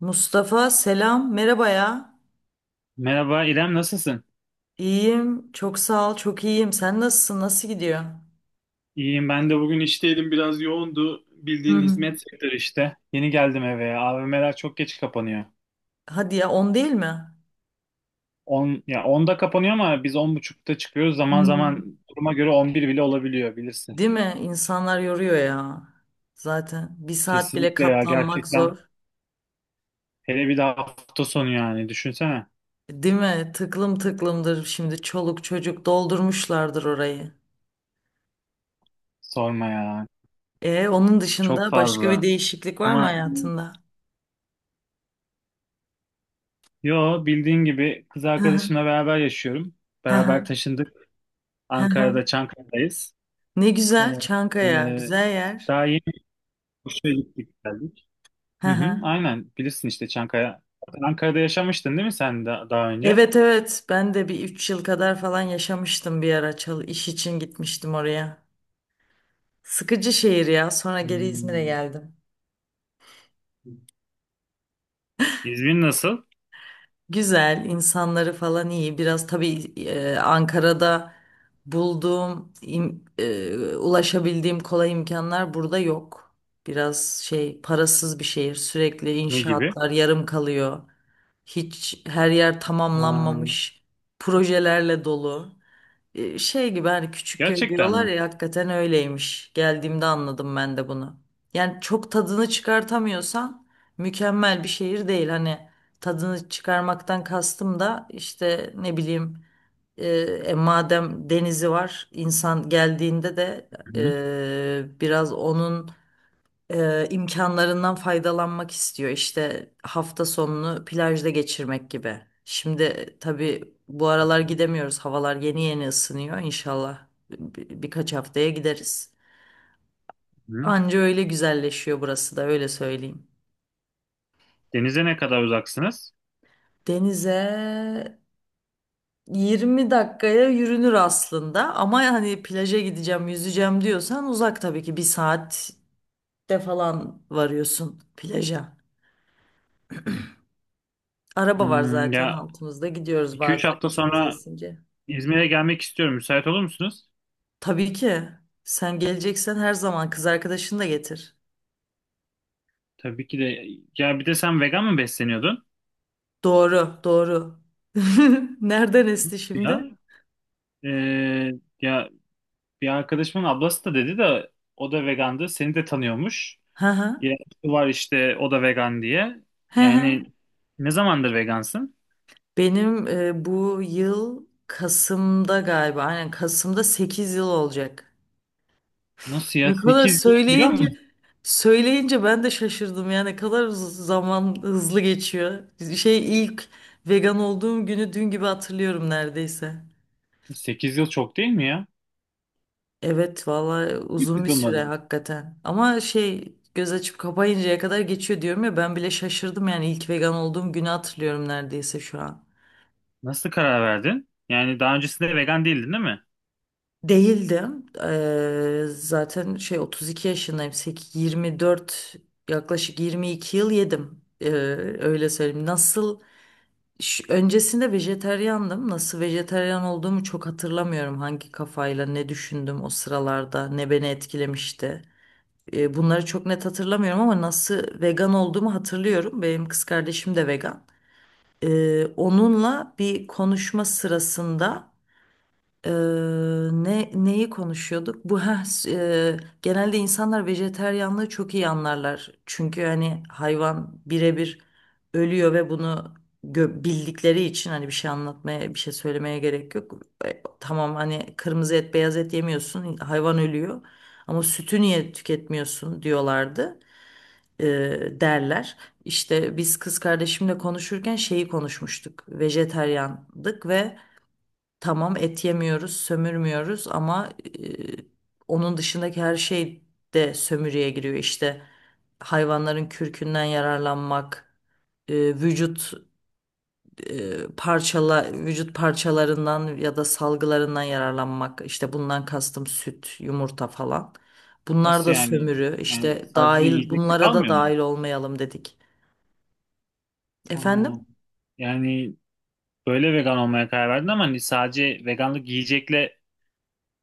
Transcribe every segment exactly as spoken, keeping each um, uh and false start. Mustafa selam, merhaba ya. Merhaba İrem, nasılsın? İyiyim, çok sağ ol, çok iyiyim. Sen nasılsın, nasıl gidiyor? İyiyim, ben de bugün işteydim, biraz yoğundu. Hı Bildiğin hı. hizmet sektörü işte. Yeni geldim eve. A V M'ler çok geç kapanıyor. Hadi ya, on değil mi? On ya, onda kapanıyor ama biz on buçukta çıkıyoruz. Hı Zaman hı. zaman duruma göre on bir bile olabiliyor, bilirsin. Değil mi? İnsanlar yoruyor ya. Zaten bir saat bile Kesinlikle ya, katlanmak zor. gerçekten. Hele bir de hafta sonu, yani düşünsene. Değil mi? Tıklım tıklımdır şimdi, çoluk çocuk doldurmuşlardır orayı. Sorma ya. E onun Çok dışında başka bir fazla. değişiklik var mı Ama hayatında? yo, bildiğin gibi kız Hı hı, arkadaşımla beraber yaşıyorum. hı Beraber hı, taşındık. hı hı. Ankara'da, Çankaya'dayız. Ne Ee, güzel, Çankaya e, güzel yer. daha Kuşa gittik geldik. Hı Hı hı, hı. aynen, bilirsin işte Çankaya. Zaten Ankara'da yaşamıştın değil mi sen da- daha önce? Evet evet, ben de bir üç yıl kadar falan yaşamıştım bir ara, çal iş için gitmiştim oraya. Sıkıcı şehir ya, sonra geri İzmir'e Hmm, geldim. İzmir nasıl? Güzel, insanları falan iyi, biraz tabii e, Ankara'da bulduğum im- e, ulaşabildiğim kolay imkanlar burada yok. Biraz şey parasız bir şehir, sürekli Ne gibi? inşaatlar yarım kalıyor. Hiç, her yer Aa, tamamlanmamış projelerle dolu. E, Şey gibi, hani küçük köy gerçekten diyorlar mi? ya, hakikaten öyleymiş. Geldiğimde anladım ben de bunu. Yani çok tadını çıkartamıyorsan mükemmel bir şehir değil. Hani tadını çıkarmaktan kastım da işte, ne bileyim, e, e, madem denizi var, insan geldiğinde de Hı hı, e, biraz onun e, imkanlarından faydalanmak istiyor. İşte hafta sonunu plajda geçirmek gibi. Şimdi tabii bu aralar gidemiyoruz. Havalar yeni yeni ısınıyor. İnşallah bir- birkaç haftaya gideriz. hı. Anca öyle güzelleşiyor burası da, öyle söyleyeyim. Denize ne kadar uzaksınız? Denize 20 dakikaya yürünür aslında, ama hani plaja gideceğim, yüzeceğim diyorsan uzak tabii ki, bir saatte falan varıyorsun plaja. Araba var Hmm, zaten ya, altımızda. Gidiyoruz iki üç bazen, hafta kafamıza sonra esince. İzmir'e gelmek istiyorum. Müsait olur musunuz? Tabii ki. Sen geleceksen her zaman, kız arkadaşını da getir. Tabii ki de. Ya, bir de sen vegan mı besleniyordun? Doğru, doğru. Nereden esti Ya, şimdi? Ee, ya, bir arkadaşımın ablası da dedi de o da vegandı. Seni de tanıyormuş. Hı hı. İrem Su var işte, o da vegan diye. Hı hı. Yani ne zamandır vegansın? Benim e, bu yıl Kasım'da galiba. Aynen, Kasım'da sekiz yıl olacak. Nasıl ya? Ne kadar Sekiz yıl vegan mı? söyleyince söyleyince ben de şaşırdım ya, ne kadar hız- zaman hızlı geçiyor. Şey ilk vegan olduğum günü dün gibi hatırlıyorum neredeyse. Sekiz yıl çok değil mi ya? Evet, vallahi Hiç uzun bir süre sıkılmadın. hakikaten. Ama şey göz açıp kapayıncaya kadar geçiyor diyorum ya, ben bile şaşırdım yani, ilk vegan olduğum günü hatırlıyorum neredeyse şu an. Nasıl karar verdin? Yani daha öncesinde vegan değildin değil mi? Değildim. Eee, zaten şey otuz iki yaşındayım. Sek- yirmi dört, yaklaşık yirmi iki yıl yedim. Eee, öyle söyleyeyim. Nasıl ş- öncesinde vejeteryandım. Nasıl vejeteryan olduğumu çok hatırlamıyorum. Hangi kafayla ne düşündüm o sıralarda, ne beni etkilemişti. E, bunları çok net hatırlamıyorum, ama nasıl vegan olduğumu hatırlıyorum. Benim kız kardeşim de vegan. E, onunla bir konuşma sırasında, Eee, ne neyi konuşuyorduk? Bu ha Genelde insanlar vejeteryanlığı çok iyi anlarlar. Çünkü hani hayvan birebir ölüyor ve bunu gö- bildikleri için, hani bir şey anlatmaya, bir şey söylemeye gerek yok. E, tamam, hani kırmızı et, beyaz et yemiyorsun, hayvan ölüyor. Ama sütü niye tüketmiyorsun diyorlardı. Eee, derler. İşte biz kız kardeşimle konuşurken şeyi konuşmuştuk. Vejeteryandık ve tamam, et yemiyoruz, sömürmüyoruz, ama e, onun dışındaki her şey de sömürüye giriyor. İşte hayvanların kürkünden yararlanmak, e, vücut, e, parçala vücut parçalarından ya da salgılarından yararlanmak. İşte bundan kastım süt, yumurta falan. Bunlar Nasıl da yani? sömürü. Yani İşte sadece dahil yiyecek bunlara da kalmıyor mu? dahil olmayalım dedik. Ana. Efendim? Yani böyle vegan olmaya karar verdin ama hani sadece veganlık yiyecekle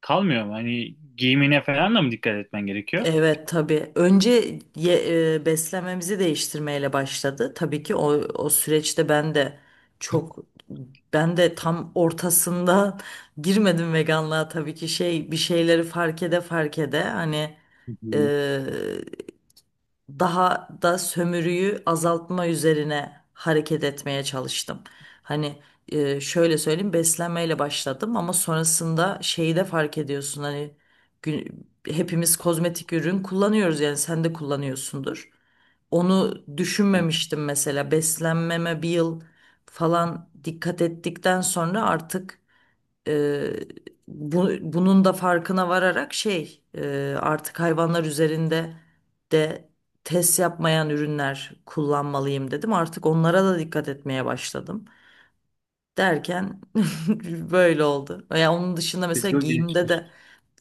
kalmıyor mu? Hani giyimine falan da mı dikkat etmen gerekiyor? Evet tabii. Önce ye- e, beslenmemizi değiştirmeyle başladı. Tabii ki o, o süreçte ben de çok ben de tam ortasında girmedim veganlığa tabii ki, şey bir şeyleri fark ede fark ede, hani Hı hı. e, daha da sömürüyü azaltma üzerine hareket etmeye çalıştım. Hani e, şöyle söyleyeyim, beslenmeyle başladım ama sonrasında şeyi de fark ediyorsun, hani gü- hepimiz kozmetik ürün kullanıyoruz, yani sen de kullanıyorsundur. Onu Ya, düşünmemiştim mesela. Beslenmeme bir yıl falan dikkat ettikten sonra, artık Eee, bu, bunun da farkına vararak, şey eee, artık hayvanlar üzerinde de test yapmayan ürünler kullanmalıyım dedim. Artık onlara da dikkat etmeye başladım. Derken böyle oldu. Ya, onun dışında biz mesela de o giyimde gençler. de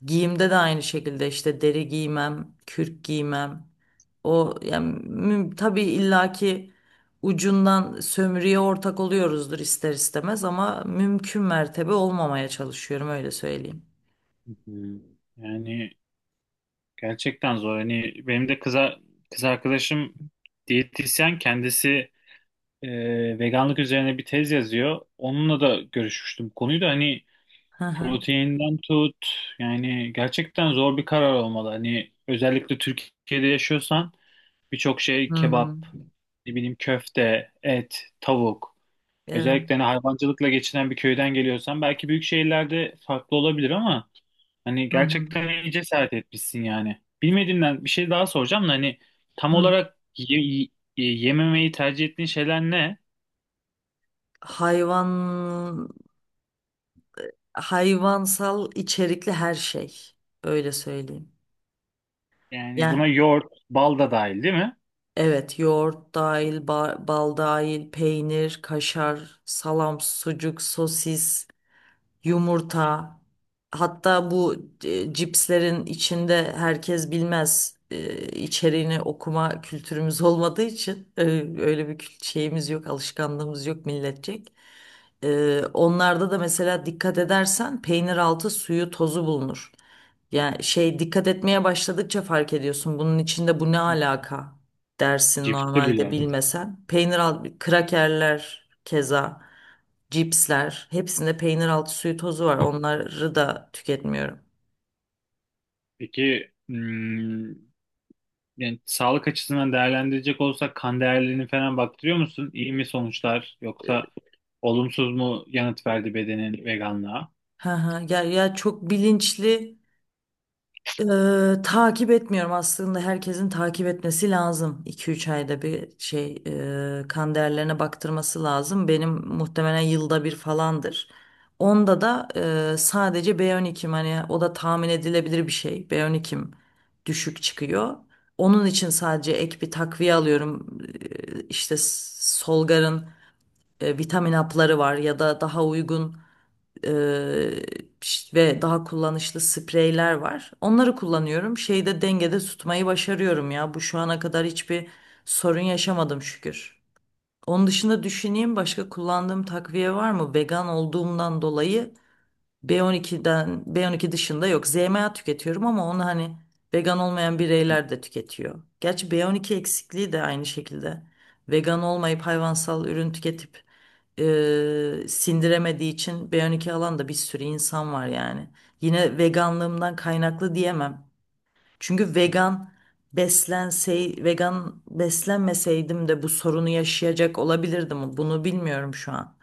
giyimde de aynı şekilde, işte deri giymem, kürk giymem. O yani, müm- tabii illaki ucundan sömürüye ortak oluyoruzdur ister istemez, ama mümkün mertebe olmamaya çalışıyorum, öyle söyleyeyim. Hı hı. Yani gerçekten zor. Hani benim de kıza, kız arkadaşım diyetisyen kendisi, e, veganlık üzerine bir tez yazıyor. Onunla da görüşmüştüm. Bu konuyu da hani, Hı hı. proteinden tut, yani gerçekten zor bir karar olmalı. Hani özellikle Türkiye'de yaşıyorsan birçok şey Hı hı. kebap, ne bileyim köfte, et, tavuk. Evet. Özellikle hani hayvancılıkla geçinen bir köyden geliyorsan belki büyük şehirlerde farklı olabilir ama hani Hı hı. gerçekten iyi cesaret etmişsin yani. Bilmediğimden bir şey daha soracağım da hani tam Hı. olarak ye- ye- yememeyi tercih ettiğin şeyler ne? Hayvan Hayvansal içerikli her şey, öyle söyleyeyim. Yani buna Yani yoğurt, bal da dahil değil mi? evet, yoğurt dahil, ba- bal dahil, peynir, kaşar, salam, sucuk, sosis, yumurta. Hatta bu e, cipslerin içinde, herkes bilmez, e, içeriğini okuma kültürümüz olmadığı için e, öyle bir kült- şeyimiz yok, alışkanlığımız yok milletçek. E, onlarda da mesela, dikkat edersen peynir altı suyu tozu bulunur. Yani şey dikkat etmeye başladıkça fark ediyorsun. Bunun içinde bu ne alaka dersin Cipsi normalde, bile. bilmesen. Peynir alt, krakerler keza, cipsler, hepsinde peynir altı suyu tozu var. Onları da tüketmiyorum. Peki, hmm, yani sağlık açısından değerlendirecek olsak kan değerlerini falan baktırıyor musun? İyi mi sonuçlar, yoksa olumsuz mu yanıt verdi bedenin veganlığa? Ha ha, ya ya çok bilinçli Eee, takip etmiyorum aslında, herkesin takip etmesi lazım. İki üç ayda bir şey eee kan değerlerine baktırması lazım. Benim muhtemelen yılda bir falandır. Onda da eee, sadece B on ikim, hani o da tahmin edilebilir bir şey. B on ikim düşük çıkıyor. Onun için sadece ek bir takviye alıyorum. Eee, işte Solgar'ın e, vitamin hapları var, ya da daha uygun eee, ve daha kullanışlı spreyler var. Onları kullanıyorum. Şeyde dengede tutmayı başarıyorum ya. Bu şu ana kadar hiçbir sorun yaşamadım, şükür. Onun dışında düşüneyim, başka kullandığım takviye var mı? Vegan olduğumdan dolayı B on ikiden B on iki dışında yok. Z M A tüketiyorum ama onu hani vegan olmayan bireyler de tüketiyor. Gerçi B on iki eksikliği de aynı şekilde. Vegan olmayıp hayvansal ürün tüketip e, sindiremediği için B on iki alan da bir sürü insan var yani. Yine veganlığımdan kaynaklı diyemem. Çünkü vegan beslensey vegan beslenmeseydim de bu sorunu yaşayacak olabilirdim. Bunu bilmiyorum şu an,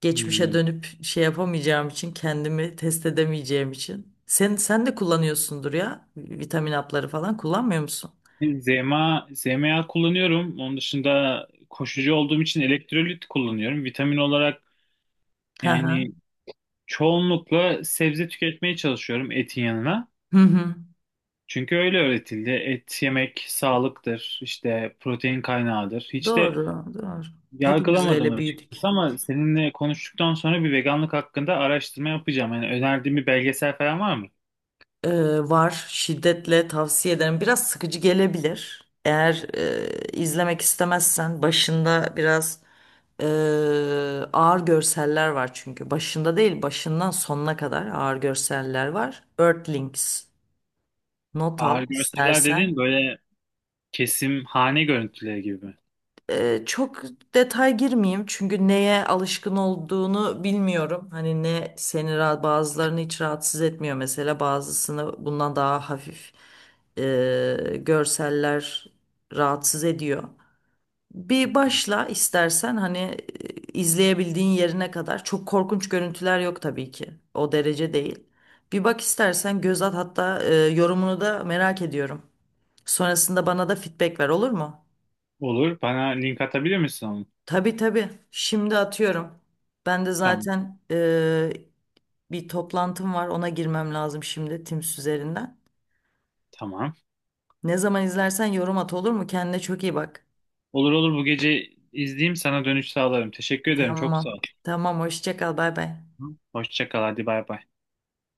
geçmişe Hmm. dönüp şey yapamayacağım için, kendimi test edemeyeceğim için. Sen sen de kullanıyorsundur ya, vitamin hapları falan kullanmıyor musun? Z M A, Z M A kullanıyorum. Onun dışında koşucu olduğum için elektrolit kullanıyorum. Vitamin olarak Hı hı. yani çoğunlukla sebze tüketmeye çalışıyorum etin yanına. Hı hı. Çünkü öyle öğretildi. Et yemek sağlıktır, işte protein kaynağıdır. Hiç de Doğru, doğru. Hepimiz yargılamadım öyle büyüdük. açıkçası ama seninle konuştuktan sonra bir veganlık hakkında araştırma yapacağım. Yani önerdiğin bir belgesel falan var mı? Ee, Var. Şiddetle tavsiye ederim. Biraz sıkıcı gelebilir. Eğer e, izlemek istemezsen, başında biraz e, ağır görseller var çünkü. Başında değil, başından sonuna kadar ağır görseller var. Earthlings. Not al Ağır görseller istersen. dediğin böyle kesim hane görüntüleri gibi mi? Ee, çok detay girmeyeyim, çünkü neye alışkın olduğunu bilmiyorum. Hani ne seni ra- bazılarını hiç rahatsız etmiyor mesela, bazısını bundan daha hafif e, görseller rahatsız ediyor. Bir başla istersen, hani e, izleyebildiğin yerine kadar. Çok korkunç görüntüler yok tabii ki. O derece değil. Bir bak istersen, göz at hatta, e, yorumunu da merak ediyorum. Sonrasında bana da feedback ver, olur mu? Olur. Bana link atabilir misin onu? Tabii tabii. Şimdi atıyorum. Ben de Tamam. zaten eee, bir toplantım var. Ona girmem lazım şimdi, Teams üzerinden. Tamam. Ne zaman izlersen yorum at, olur mu? Kendine çok iyi bak. Olur olur, bu gece izleyeyim, sana dönüş sağlarım. Teşekkür ederim. Çok sağ Tamam. ol. Tamam. Hoşça kal. Bay bay. Hoşça kal. Hadi bay bay.